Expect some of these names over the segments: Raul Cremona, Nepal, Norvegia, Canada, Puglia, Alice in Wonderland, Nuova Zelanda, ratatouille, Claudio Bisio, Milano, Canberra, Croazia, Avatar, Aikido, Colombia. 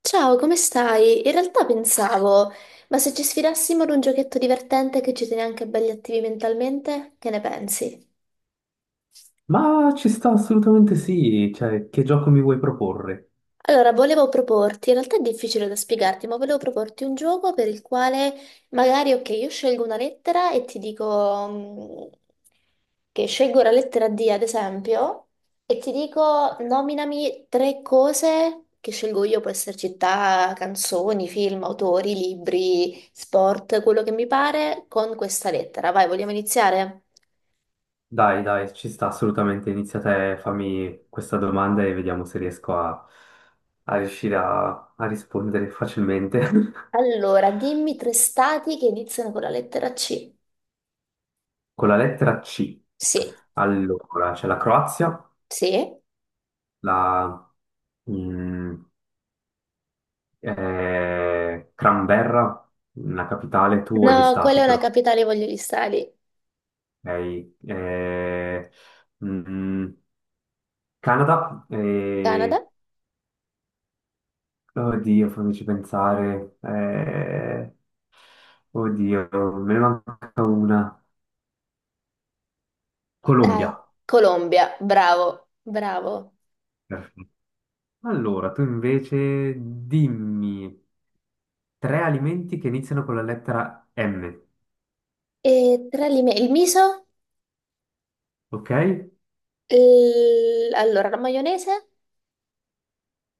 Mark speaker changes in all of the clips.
Speaker 1: Ciao, come stai? In realtà pensavo, ma se ci sfidassimo ad un giochetto divertente che ci tiene anche belli attivi mentalmente, che ne pensi?
Speaker 2: Ma ci sta assolutamente sì, cioè che gioco mi vuoi proporre?
Speaker 1: Allora, volevo proporti, in realtà è difficile da spiegarti, ma volevo proporti un gioco per il quale magari, ok, io scelgo una lettera e ti dico che scelgo la lettera D, ad esempio, e ti dico nominami tre cose che scelgo io, può essere città, canzoni, film, autori, libri, sport, quello che mi pare, con questa lettera. Vai, vogliamo iniziare?
Speaker 2: Dai, dai, ci sta assolutamente, inizia te, fammi questa domanda e vediamo se riesco a, a riuscire a, a rispondere facilmente.
Speaker 1: Allora, dimmi tre stati che iniziano con la lettera C.
Speaker 2: Con la lettera C.
Speaker 1: Sì,
Speaker 2: Allora, c'è la Croazia,
Speaker 1: sì.
Speaker 2: la mm, Canberra, la capitale, tu e gli
Speaker 1: No, quella
Speaker 2: stati
Speaker 1: è una
Speaker 2: però,
Speaker 1: capitale, voglio restare lì.
Speaker 2: ok? Eh, mm, Canada,
Speaker 1: Canada?
Speaker 2: oddio, fammici pensare. Oddio, me ne manca una.
Speaker 1: Dai.
Speaker 2: Colombia.
Speaker 1: Colombia, bravo, bravo.
Speaker 2: Perfetto. Allora, tu invece dimmi tre alimenti che iniziano con la lettera M.
Speaker 1: E il miso,
Speaker 2: Ok?
Speaker 1: allora la maionese,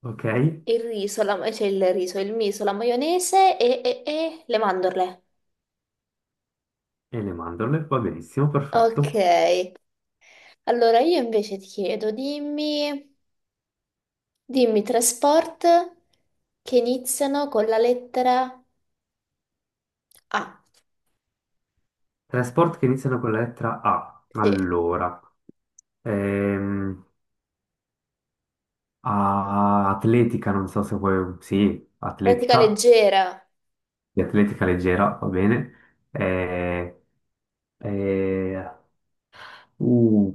Speaker 2: Ok? E
Speaker 1: il riso, cioè il riso, il miso, la maionese e le mandorle.
Speaker 2: le mandorle, va benissimo,
Speaker 1: Ok,
Speaker 2: perfetto.
Speaker 1: allora io invece ti chiedo, dimmi, dimmi tre sport che iniziano con la lettera A.
Speaker 2: Tre sport che iniziano con la lettera A.
Speaker 1: Sì,
Speaker 2: Allora, ehm, atletica, non so se vuoi... Sì,
Speaker 1: pratica
Speaker 2: atletica,
Speaker 1: leggera.
Speaker 2: di atletica leggera, va bene. E... Uh,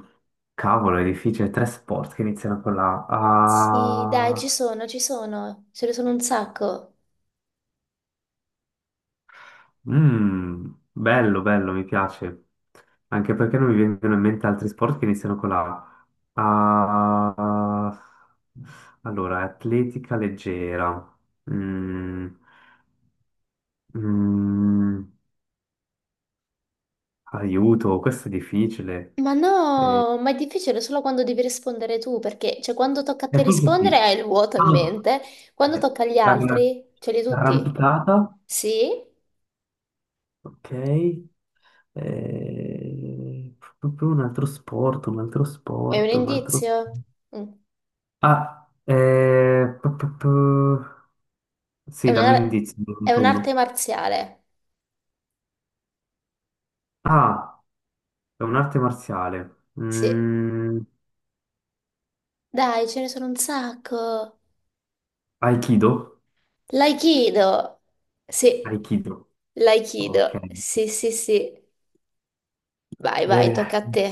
Speaker 2: cavolo, è difficile. Tre sport che iniziano con la
Speaker 1: Sì,
Speaker 2: A.
Speaker 1: dai,
Speaker 2: Ah,
Speaker 1: ci sono, ce ne sono un sacco.
Speaker 2: mm, bello, bello, mi piace. Anche perché non mi vengono in mente altri sport che iniziano con la A. Ah, allora, atletica leggera. Mm, mm, aiuto, questo è difficile.
Speaker 1: Ma
Speaker 2: Eh,
Speaker 1: no, ma è difficile solo quando devi rispondere tu, perché cioè, quando tocca a te
Speaker 2: forse
Speaker 1: rispondere
Speaker 2: sì.
Speaker 1: hai il vuoto in
Speaker 2: Ah,
Speaker 1: mente, quando
Speaker 2: eh,
Speaker 1: tocca agli
Speaker 2: arra-
Speaker 1: altri ce li hai tutti.
Speaker 2: arrampicata.
Speaker 1: Sì?
Speaker 2: Ok. Proprio un altro sport, un altro
Speaker 1: È un
Speaker 2: sport, un altro...
Speaker 1: indizio? Mm.
Speaker 2: Ah, eh, pu- pu- pu-
Speaker 1: È
Speaker 2: sì, dammi un
Speaker 1: una-
Speaker 2: indizio, ne
Speaker 1: è
Speaker 2: conto uno.
Speaker 1: un'arte marziale.
Speaker 2: Ah, è un'arte marziale.
Speaker 1: Sì.
Speaker 2: Mm,
Speaker 1: Dai, ce ne sono un sacco.
Speaker 2: Aikido?
Speaker 1: L'aikido. Sì,
Speaker 2: Aikido, ok.
Speaker 1: l'aikido. Sì, sì, sì. Vai, vai,
Speaker 2: Beh,
Speaker 1: tocca a te.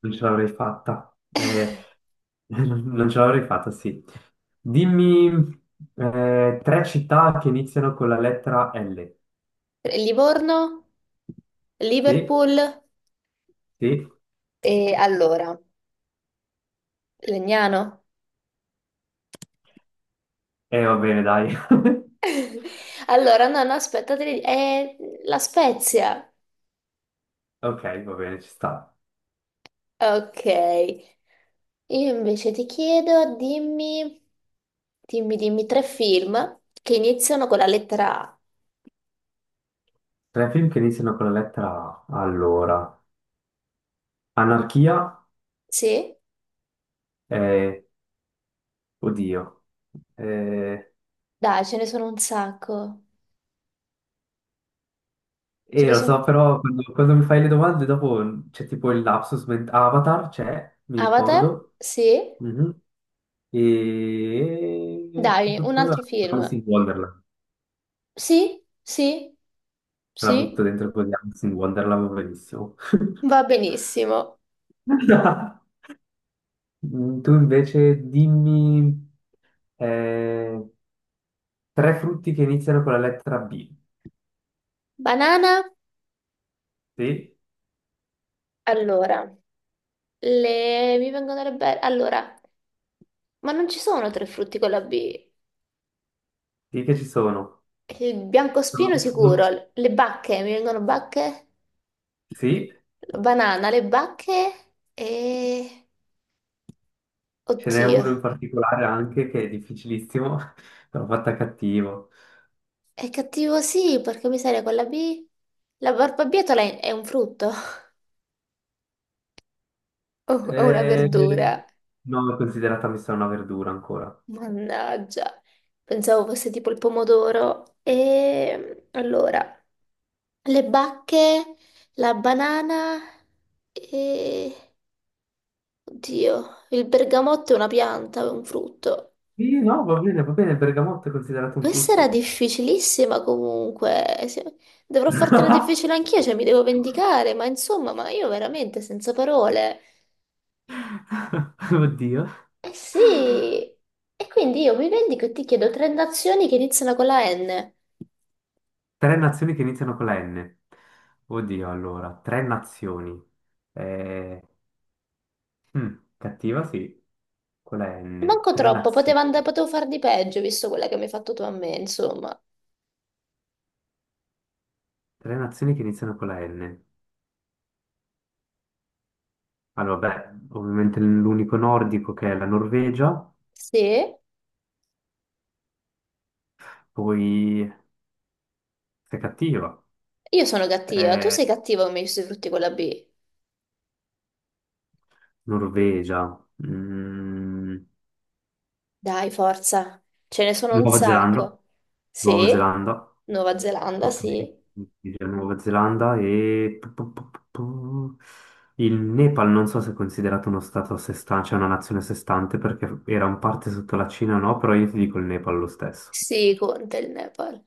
Speaker 2: non ce l'avrei fatta. Non ce l'avrei fatta, sì. Dimmi tre città che iniziano con la lettera L.
Speaker 1: Livorno,
Speaker 2: Sì,
Speaker 1: Liverpool
Speaker 2: sì.
Speaker 1: e allora, Legnano.
Speaker 2: E va bene, dai.
Speaker 1: Allora, no, no, aspetta, è la Spezia.
Speaker 2: Ok, va bene, ci sta.
Speaker 1: Ok, io invece ti chiedo, dimmi, dimmi, dimmi tre film che iniziano con la lettera A.
Speaker 2: Tre film che iniziano con la lettera A. Allora, Anarchia
Speaker 1: Sì?
Speaker 2: e... Oddio. Eh,
Speaker 1: Dai, ce ne sono un sacco. Ce ne
Speaker 2: lo
Speaker 1: sono.
Speaker 2: so, però quando mi fai le domande dopo c'è tipo il lapsus Avatar c'è, mi
Speaker 1: Avatar?
Speaker 2: ricordo.
Speaker 1: Sì?
Speaker 2: Mhm. E... pu-
Speaker 1: Dai,
Speaker 2: pu-
Speaker 1: un
Speaker 2: pu-
Speaker 1: altro film.
Speaker 2: Alice in Wonderland.
Speaker 1: Sì? Sì?
Speaker 2: Te La butto
Speaker 1: Sì?
Speaker 2: dentro così, Alice in Wonderland, va benissimo.
Speaker 1: Va benissimo.
Speaker 2: Mm, tu invece dimmi... eh, tre frutti che iniziano con la lettera B.
Speaker 1: Banana?
Speaker 2: Sì,
Speaker 1: Allora, le... mi vengono le belle... Allora, ma non ci sono tre frutti con la B.
Speaker 2: sì che ci sono.
Speaker 1: Il biancospino
Speaker 2: Pronto?
Speaker 1: sicuro, le bacche, mi vengono bacche,
Speaker 2: Sì,
Speaker 1: la banana, le bacche e...
Speaker 2: ce n'è
Speaker 1: Oddio,
Speaker 2: uno in particolare anche che è difficilissimo, l'ho fatta cattivo.
Speaker 1: è cattivo sì, perché miseria con la B. La barbabietola è un frutto, o è una
Speaker 2: Eh,
Speaker 1: verdura.
Speaker 2: no, l'ho considerata messa una verdura ancora.
Speaker 1: Mannaggia, pensavo fosse tipo il pomodoro. E allora, le bacche, la banana e... Oddio, il bergamotto è una pianta, è un frutto.
Speaker 2: Sì, no, va bene, il bergamotto è considerato un
Speaker 1: Questa era
Speaker 2: frutto.
Speaker 1: difficilissima comunque. Sì, dovrò fartela difficile anch'io, cioè mi devo vendicare, ma insomma, ma io veramente senza parole.
Speaker 2: Oddio.
Speaker 1: Eh sì, e quindi io mi vendico e ti chiedo tre nazioni che iniziano con la N.
Speaker 2: Tre nazioni che iniziano con la N. Oddio, allora, tre nazioni. Eh, cattiva, sì, con la N.
Speaker 1: Manco
Speaker 2: Tre
Speaker 1: troppo,
Speaker 2: nazioni.
Speaker 1: potevo far di peggio, visto quella che mi hai fatto tu a me, insomma.
Speaker 2: Tre nazioni che iniziano con la N. Allora, beh, ovviamente l'unico nordico che è la Norvegia,
Speaker 1: Sì,
Speaker 2: poi sei cattiva.
Speaker 1: io sono cattiva, tu
Speaker 2: Eh,
Speaker 1: sei cattiva come i frutti con la B.
Speaker 2: Norvegia, mm,
Speaker 1: Dai, forza, ce ne sono un
Speaker 2: Nuova Zelanda,
Speaker 1: sacco.
Speaker 2: Nuova
Speaker 1: Sì,
Speaker 2: Zelanda,
Speaker 1: Nuova Zelanda,
Speaker 2: ok,
Speaker 1: sì.
Speaker 2: Norvegia, Nuova Zelanda e il Nepal non so se è considerato uno stato a sé stante, cioè una nazione a sé stante perché era un parte sotto la Cina o no, però io ti dico il Nepal lo stesso.
Speaker 1: Sì, conta il Nepal.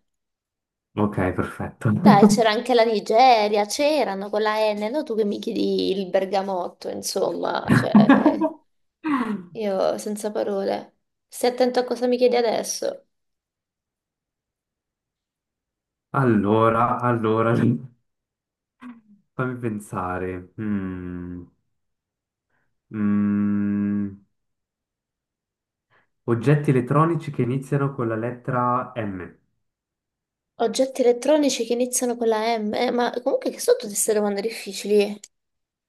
Speaker 2: Ok, perfetto.
Speaker 1: Dai, c'era anche la Nigeria, c'erano con la N, no? Tu che mi chiedi il bergamotto, insomma, cioè, io senza parole. Stai attento a cosa mi chiedi adesso.
Speaker 2: Allora, fammi pensare. Mm, oggetti elettronici che iniziano con la lettera M,
Speaker 1: Oggetti elettronici che iniziano con la M, eh, ma comunque che sono tutte queste domande difficili.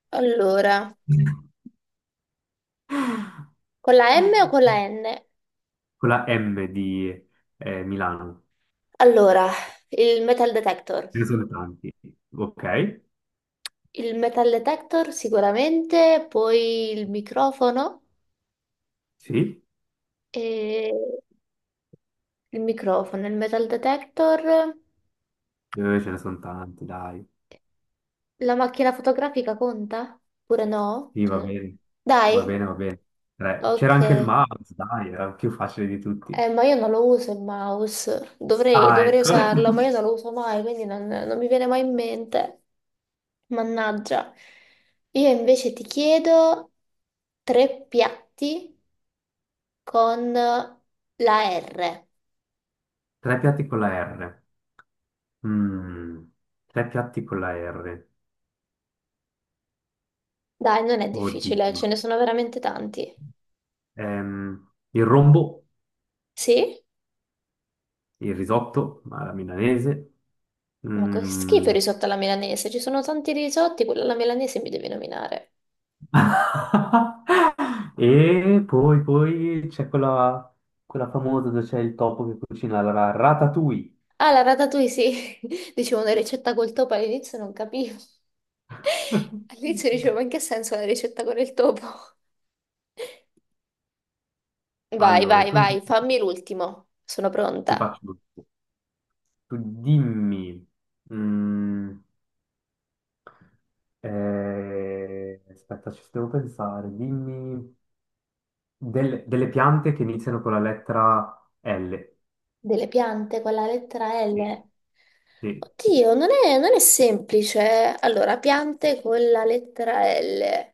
Speaker 1: Allora, con la M o con la N?
Speaker 2: con la M di Milano.
Speaker 1: Allora, il metal detector.
Speaker 2: Ce ne sono tanti. Ok,
Speaker 1: Il metal detector sicuramente, poi il microfono
Speaker 2: sì,
Speaker 1: e... Il microfono, il metal detector,
Speaker 2: eh, ce ne sono tanti, dai.
Speaker 1: la macchina fotografica conta? Oppure no?
Speaker 2: Sì, va bene,
Speaker 1: Dai,
Speaker 2: va bene. Tre. C'era anche il
Speaker 1: ok.
Speaker 2: mouse, dai, era più facile di tutti.
Speaker 1: Ma io non lo uso il mouse. Dovrei,
Speaker 2: Ah,
Speaker 1: dovrei
Speaker 2: ecco.
Speaker 1: usarlo, ma io non lo uso mai, quindi non, non mi viene mai in mente. Mannaggia. Io invece ti chiedo tre piatti con la R.
Speaker 2: Tre piatti con la R. Mm, tre piatti con la R.
Speaker 1: Dai, non è difficile, ce
Speaker 2: Oddio.
Speaker 1: ne sono veramente tanti.
Speaker 2: Il rombo,
Speaker 1: Sì?
Speaker 2: il risotto, ma la milanese.
Speaker 1: Ma che schifo
Speaker 2: Mm.
Speaker 1: il risotto alla milanese, ci sono tanti risotti, quello alla milanese mi devi nominare.
Speaker 2: E poi, poi c'è quella, quella famosa dove c'è il topo che cucina la ratatouille.
Speaker 1: Ah, la ratatouille sì, dicevo una ricetta col topo all'inizio non capivo. All'inizio dicevo, ma in che senso la ricetta con il topo? Vai,
Speaker 2: Allora,
Speaker 1: vai,
Speaker 2: tu
Speaker 1: vai,
Speaker 2: invece
Speaker 1: fammi l'ultimo, sono
Speaker 2: ti
Speaker 1: pronta.
Speaker 2: faccio tutto. Tu dimmi. mm, aspetta, ci devo pensare. Dimmi delle piante che iniziano con la lettera L.
Speaker 1: Delle piante con la lettera
Speaker 2: Sì,
Speaker 1: L.
Speaker 2: sì.
Speaker 1: Oddio, non è, non è semplice. Allora, piante con la lettera L.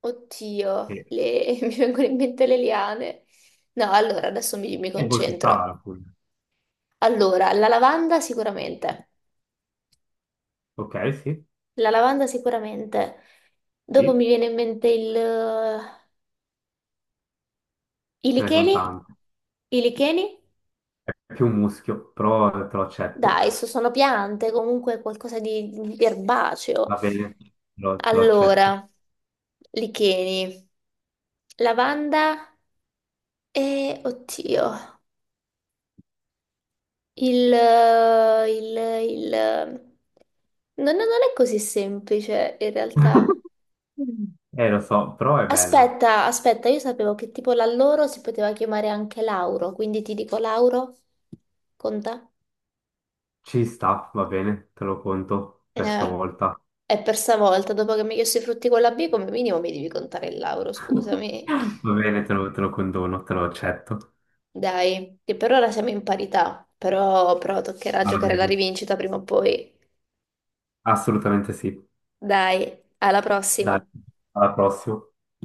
Speaker 1: Oddio,
Speaker 2: Sì.
Speaker 1: mi vengono in mente le liane. No, allora adesso mi
Speaker 2: E poi ci sta
Speaker 1: concentro.
Speaker 2: la Puglia.
Speaker 1: Allora, la lavanda sicuramente,
Speaker 2: Ok, sì,
Speaker 1: la lavanda sicuramente. Dopo
Speaker 2: sì,
Speaker 1: mi viene in mente il... i
Speaker 2: ce ne sono
Speaker 1: licheni?
Speaker 2: tante.
Speaker 1: I licheni?
Speaker 2: È più un muschio, però te lo accetto.
Speaker 1: Dai, sono piante, comunque qualcosa di erbaceo.
Speaker 2: Va bene, te lo accetto.
Speaker 1: Allora, licheni, lavanda e, oddio, il... il... il... No, no, non è così semplice in realtà.
Speaker 2: Lo so, però è bella.
Speaker 1: Aspetta, aspetta, io sapevo che tipo la loro si poteva chiamare anche Lauro, quindi ti dico Lauro, conta?
Speaker 2: Ci sta, va bene, te lo conto per
Speaker 1: Eh,
Speaker 2: stavolta.
Speaker 1: è per stavolta, dopo che mi hai chiesto i frutti con la B, come minimo mi devi contare il Lauro, scusami.
Speaker 2: Va bene, te lo condono, te lo accetto.
Speaker 1: Dai, che per ora siamo in parità, però, però toccherà
Speaker 2: Va
Speaker 1: giocare la
Speaker 2: bene,
Speaker 1: rivincita prima o poi.
Speaker 2: assolutamente sì.
Speaker 1: Dai, alla
Speaker 2: Dai,
Speaker 1: prossima.
Speaker 2: alla prossima.